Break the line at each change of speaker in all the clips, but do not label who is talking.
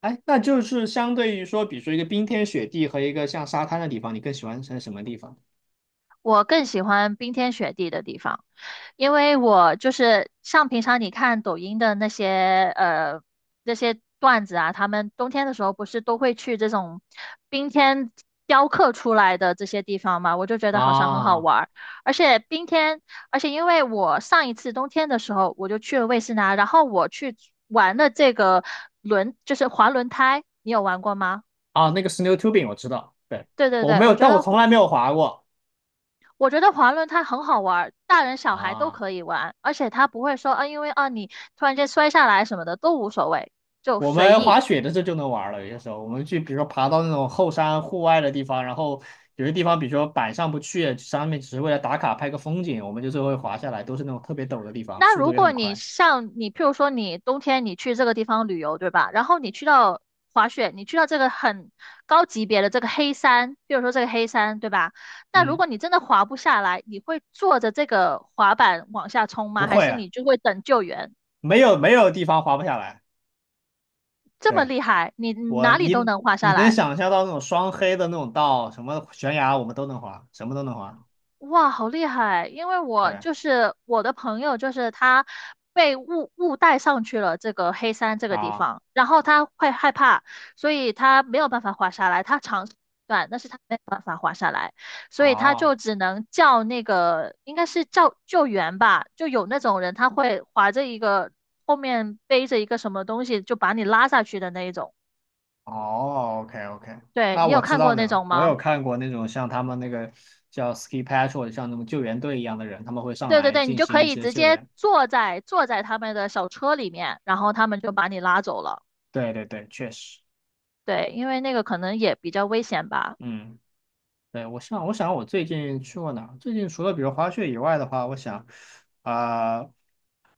哎，那就是相对于说，比如说一个冰天雪地和一个像沙滩的地方，你更喜欢在什么地方？
我更喜欢冰天雪地的地方，因为我就是像平常你看抖音的那些那些段子啊，他们冬天的时候不是都会去这种冰天雕刻出来的这些地方嘛，我就觉得好像很好
啊
玩儿。而且冰天，而且因为我上一次冬天的时候我就去了魏斯拿，然后我去玩的这个轮，就是滑轮胎，你有玩过吗？
啊，那个 snow tubing 我知道，对，
对对
我
对，
没有，
我觉
但
得
我从来没有滑过
滑轮它很好玩儿，大人小孩都
啊。
可以玩，而且它不会说啊，因为啊你突然间摔下来什么的都无所谓，就
我
随
们滑
意。
雪的这就能玩儿了，有些时候我们去，比如说爬到那种后山户外的地方，然后有些地方，比如说板上不去，上面只是为了打卡拍个风景，我们就最后会滑下来，都是那种特别陡的地方，
那
速度
如
也
果
很
你
快。
像你，譬如说你冬天你去这个地方旅游，对吧？然后你去到滑雪，你去到这个很高级别的这个黑山，譬如说这个黑山，对吧？那如
嗯，
果你真的滑不下来，你会坐着这个滑板往下冲
不
吗？还
会
是
啊，
你就会等救援？
没有没有地方滑不下来。
这么
对。
厉害，你
我
哪里都
你
能滑下
你能
来？
想象到那种双黑的那种道，什么悬崖我们都能滑，什么都能滑。
哇，好厉害！因为我
对
就是我的朋友，就是他被误带上去了这个黑山这个地
啊，
方，然后他会害怕，所以他没有办法滑下来。他长试断但是他没有办法滑下来，所以他就
哦
只能叫那个应该是叫救援吧，就有那种人他会划着一个后面背着一个什么东西就把你拉下去的那一种。
哦，OK OK,
对，
那
你有
我知
看
道
过那
呢，
种
我有
吗？
看过那种像他们那个叫 ski patrol，像那种救援队一样的人，他们会上
对对
来
对，你
进
就
行
可
一
以
些
直
救
接
援。
坐在他们的小车里面，然后他们就把你拉走了。
对对对，确实，
对，因为那个可能也比较危险吧。
嗯。对，我想我最近去过哪儿？最近除了比如滑雪以外的话，我想，啊、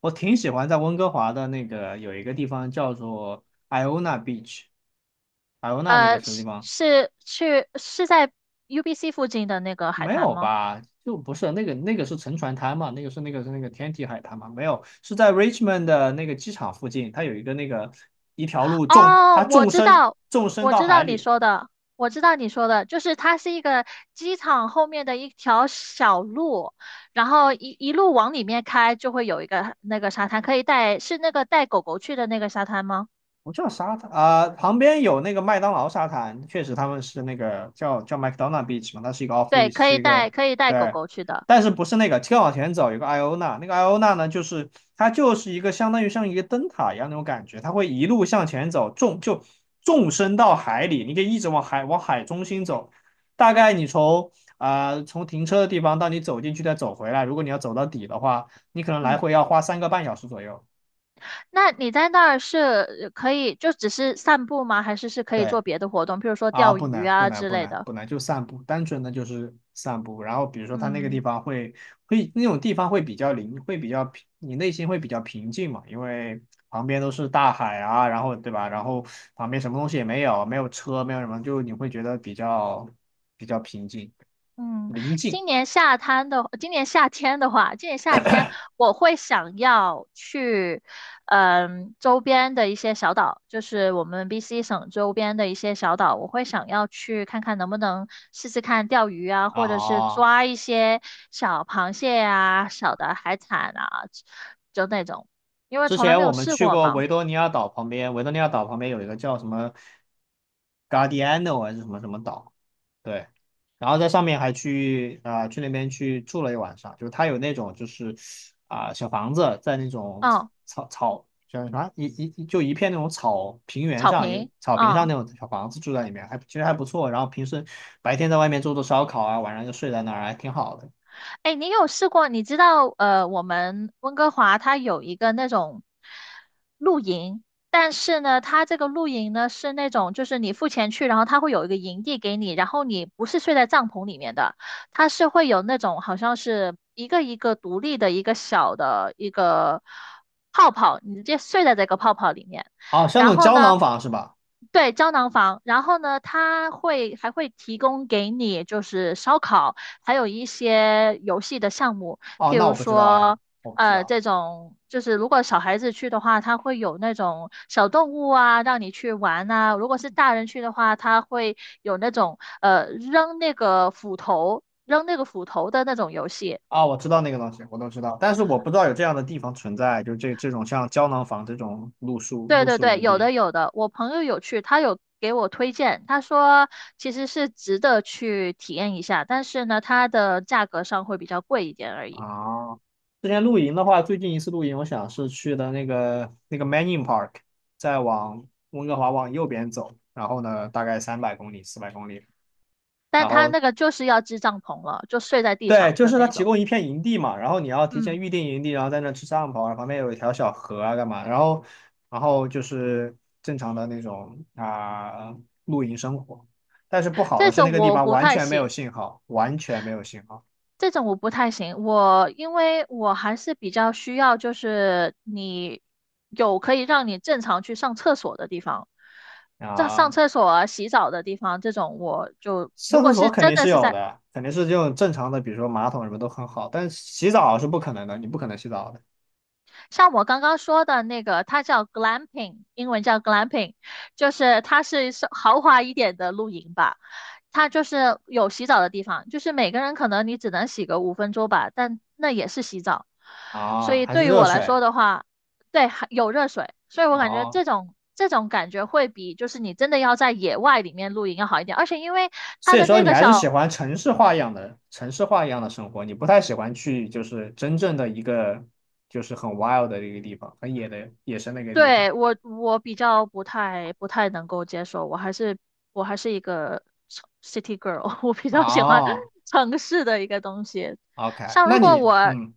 我挺喜欢在温哥华的那个有一个地方叫做 Iona Beach，艾欧娜那个什么地
是
方？
是去是在 UBC 附近的那个海
没
滩
有
吗？
吧？就不是那个是沉船滩嘛，那个是那个天体海滩嘛？没有，是在 Richmond 的那个机场附近，它有一个那个一条路纵
哦，
它
我
纵
知
深
道，
纵深
我
到
知
海
道你
里，
说的，就是它是一个机场后面的一条小路，然后一路往里面开，就会有一个那个沙滩，可以带，是那个带狗狗去的那个沙滩吗？
不叫沙滩啊、旁边有那个麦当劳沙滩，确实他们是那个叫 McDonald Beach 嘛，它是一个 off
对，
leash，
可
是
以
一个
带，可以带狗
对，
狗去的。
但是不是那个，再往前走有个艾欧娜，那个艾欧娜呢，就是它就是一个相当于像一个灯塔一样那种感觉，它会一路向前走，纵深到海里，你可以一直往海中心走，大概你从从停车的地方到你走进去再走回来，如果你要走到底的话，你可能来
嗯，
回要花3个半小时左右。
那你在那儿是可以就只是散步吗？还是是可以
对，
做别的活动，譬如说钓
不
鱼
难，不
啊
难，
之
不
类
难，
的？
不难，就散步，单纯的就是散步。然后比如说它那个地
嗯。
方会那种地方会比较灵，会比较平，你内心会比较平静嘛，因为旁边都是大海啊，然后对吧？然后旁边什么东西也没有，没有车，没有什么，就你会觉得比较平静，
嗯，
宁静
今年夏天我会想要去，嗯，周边的一些小岛，就是我们 BC 省周边的一些小岛，我会想要去看看能不能试试看钓鱼啊，或者是
啊。
抓一些小螃蟹啊、小的海产啊，就那种，因为
之
从来
前
没
我
有
们
试
去
过
过
嘛。
维多利亚岛旁边，维多利亚岛旁边有一个叫什么 Guardiano 还是什么什么岛，对，然后在上面还去那边去住了一晚上，就是它有那种小房子在那种
嗯，
草草叫什么一一就一片那种草平原
草
上一个
坪，
草坪上
嗯。
那种小房子住在里面，其实还不错。然后平时白天在外面做做烧烤啊，晚上就睡在那儿，还挺好的。
哎，你有试过？你知道，我们温哥华它有一个那种露营，但是呢，它这个露营呢是那种，就是你付钱去，然后它会有一个营地给你，然后你不是睡在帐篷里面的，它是会有那种好像是一个一个独立的一个小的一个泡泡，你直接睡在这个泡泡里面，
哦，像那
然
种
后
胶
呢。
囊房是吧？
对，胶囊房，然后呢，它会还会提供给你就是烧烤，还有一些游戏的项目，
哦，
譬
那
如
我不知道呀，
说，
我不知道。
这种就是如果小孩子去的话，他会有那种小动物啊，让你去玩啊；如果是大人去的话，他会有那种扔那个斧头的那种游戏。
啊，我知道那个东西，我都知道，但是我不知道有这样的地方存在，就是这种像胶囊房这种露宿
对
露
对
宿
对，
营
有
地
的有的，我朋友有去，他有给我推荐，他说其实是值得去体验一下，但是呢，它的价格上会比较贵一点而已。
啊。之前露营的话，最近一次露营，我想是去的那个 Manning Park，再往温哥华往右边走，然后呢，大概300公里、400公里，
但
然
他
后
那个就是要支帐篷了，就睡在地
对，
上
就
的
是他
那
提
种。
供一片营地嘛，然后你要提
嗯，
前预定营地，然后在那吃烧烤，然后旁边有一条小河啊，干嘛？然后，然后就是正常的那种露营生活。但是不好的
这
是那
种
个地
我
方
不
完
太
全没有
行，
信号，完全没有信号
这种我不太行。我因为我还是比较需要，就是你有可以让你正常去上厕所的地方，上
啊。
厕所啊、洗澡的地方，这种我就如
上厕
果
所
是
肯
真
定
的
是
是
有
在
的，肯定是这种正常的，比如说马桶什么都很好，但是洗澡是不可能的，你不可能洗澡的
像我刚刚说的那个，它叫 glamping,英文叫 glamping,就是它是豪华一点的露营吧。它就是有洗澡的地方，就是每个人可能你只能洗个5分钟吧，但那也是洗澡。所
啊，
以
还是
对于
热
我来
水
说的话，对，还有热水，所以我感觉
啊，
这种感觉会比就是你真的要在野外里面露营要好一点，而且因为它
所以
的
说
那
你
个
还是喜
小
欢城市化一样的生活，你不太喜欢去就是真正的一个就是很 wild 的一个地方，很野的野生的一个地方。
对，我我比较不太能够接受，我还是我还是一个城 city girl,我比较喜欢
哦
城市的一个东西。
，OK，
像
那
如果
你
我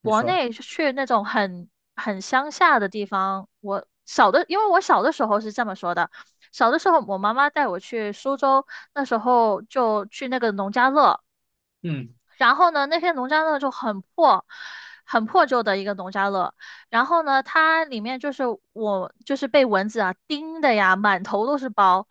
你
国
说
内去那种很乡下的地方，我小的，因为我小的时候是这么说的，小的时候我妈妈带我去苏州，那时候就去那个农家乐。
嗯
然后呢，那篇农家乐就很破，很破旧的一个农家乐。然后呢，它里面就是我就是被蚊子啊叮的呀，满头都是包。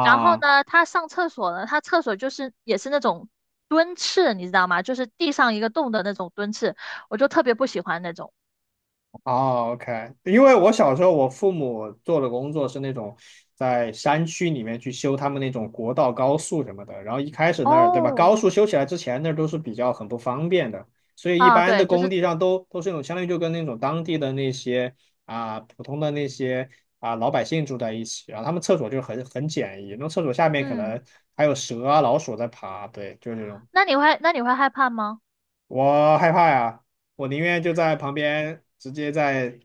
然后呢，他上厕所呢，他厕所就是也是那种蹲厕，你知道吗？就是地上一个洞的那种蹲厕，我就特别不喜欢那种。
哦，OK，因为我小时候我父母做的工作是那种在山区里面去修他们那种国道、高速什么的，然后一开始那儿，对吧？高
哦，
速修起来之前那儿都是比较很不方便的，所以一
啊，
般的
对，就
工
是
地上都是那种相当于就跟那种当地的那些普通的那些老百姓住在一起，然后他们厕所就很简易，那厕所下面可
嗯，
能还有蛇啊、老鼠在爬，对，就是这种。
那你会害怕吗？
我害怕呀，我宁愿就在旁边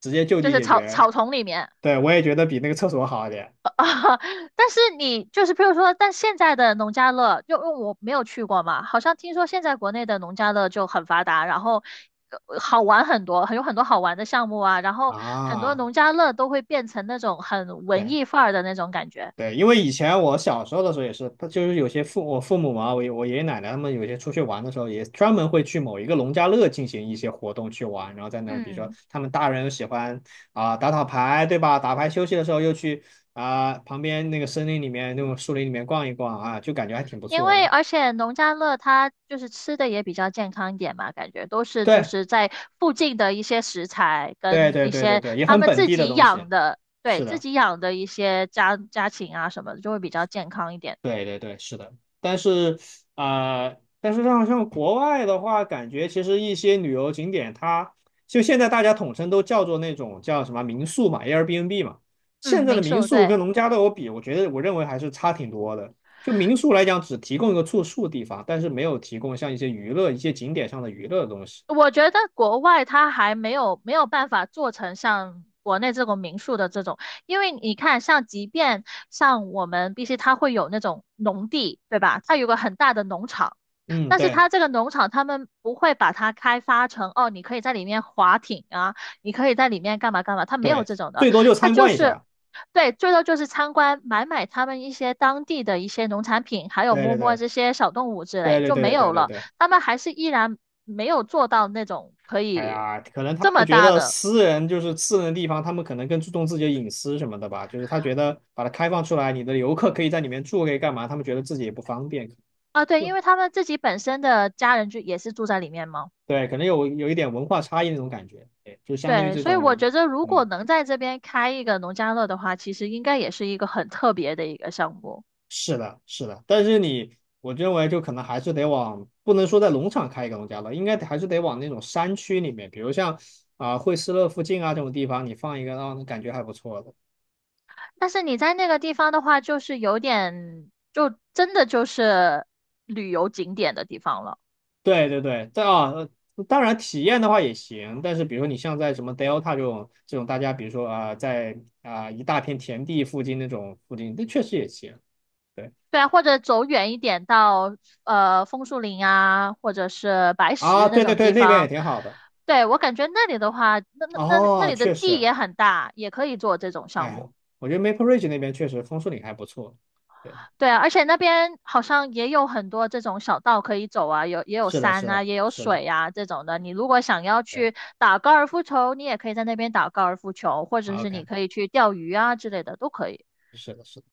直接就
就
地
是
解决。
草丛里面。
对，我也觉得比那个厕所好一点
啊，但是你就是，比如说，但现在的农家乐，就因为我没有去过嘛，好像听说现在国内的农家乐就很发达，然后好玩很多，有很多好玩的项目啊，然后很多
啊。
农家乐都会变成那种很文
对
艺范儿的那种感觉。
对，因为以前我小时候的时候也是，他就是有些我父母嘛，我爷爷奶奶他们有些出去玩的时候，也专门会去某一个农家乐进行一些活动去玩，然后在那儿，比如说
嗯
他们大人又喜欢打打牌，对吧？打牌休息的时候又去旁边那个森林里面那种树林里面逛一逛啊，就感觉还挺不
因
错
为
的。
而且农家乐它就是吃的也比较健康一点嘛，感觉都是就
对，
是在附近的一些食材
对
跟
对
一
对对
些
对，也
他
很
们
本
自
地的
己
东
养
西。
的，对，
是
自
的，
己养的一些家禽啊什么的，就会比较健康一点。
对对对，是的。但是但是像国外的话，感觉其实一些旅游景点它，就现在大家统称都叫做那种叫什么民宿嘛，Airbnb 嘛。
嗯，
现在的
民
民
宿，
宿
对，
跟农家乐我觉得我认为还是差挺多的。就民宿来讲，只提供一个住宿地方，但是没有提供像一些娱乐、一些景点上的娱乐的东西。
我觉得国外它还没有办法做成像国内这种民宿的这种，因为你看，像即便像我们必须它会有那种农地，对吧？它有个很大的农场。
嗯，
但是
对
它这个农场，他们不会把它开发成哦，你可以在里面划艇啊，你可以在里面干嘛干嘛，它没有
对，
这种的，
最多就
它
参
就
观一
是
下。
对，最多就是参观买他们一些当地的一些农产品，还有
对对
摸摸
对
这些小动物之
对
类
对
就
对
没
对对
有
对
了。
对。
他们还是依然没有做到那种可
哎
以
呀，可能他
这
们
么
觉
大
得
的
私人就是私人的地方，他们可能更注重自己的隐私什么的吧。就是他觉得把它开放出来，你的游客可以在里面住，可以干嘛？他们觉得自己也不方便，
啊，对，
就
因为他们自己本身的家人就也是住在里面嘛。
对，可能有一点文化差异那种感觉。对，就相当于
对，
这
所以我
种，
觉得如果
嗯，
能在这边开一个农家乐的话，其实应该也是一个很特别的一个项目。
是的，是的。但是你，我认为就可能还是得往，不能说在农场开一个农家乐，应该还是得往那种山区里面，比如像惠斯勒附近啊这种地方，你放一个，让人感觉还不错的。
但是你在那个地方的话，就是有点，就真的就是旅游景点的地方了。
对对对，但当然体验的话也行，但是比如说你像在什么 Delta 这种大家，比如说在一大片田地附近那种附近，那确实也行。对
对啊，或者走远一点到枫树林啊，或者是白
啊，
石那
对对
种
对，
地
那边也
方。
挺好的。
对，我感觉那里的话，那
哦，
里的
确
地
实，
也很大，也可以做这种项
哎，
目。
我觉得 Maple Ridge 那边确实枫树林还不错。对，
对啊，而且那边好像也有很多这种小道可以走啊，有也有
是的，是
山啊，
的，
也有
是的，
水啊这种的。你如果想要
对
去打高尔夫球，你也可以在那边打高尔夫球，或者
啊
是
，OK，
你可以去钓鱼啊之类的，都可以。
是的，是的。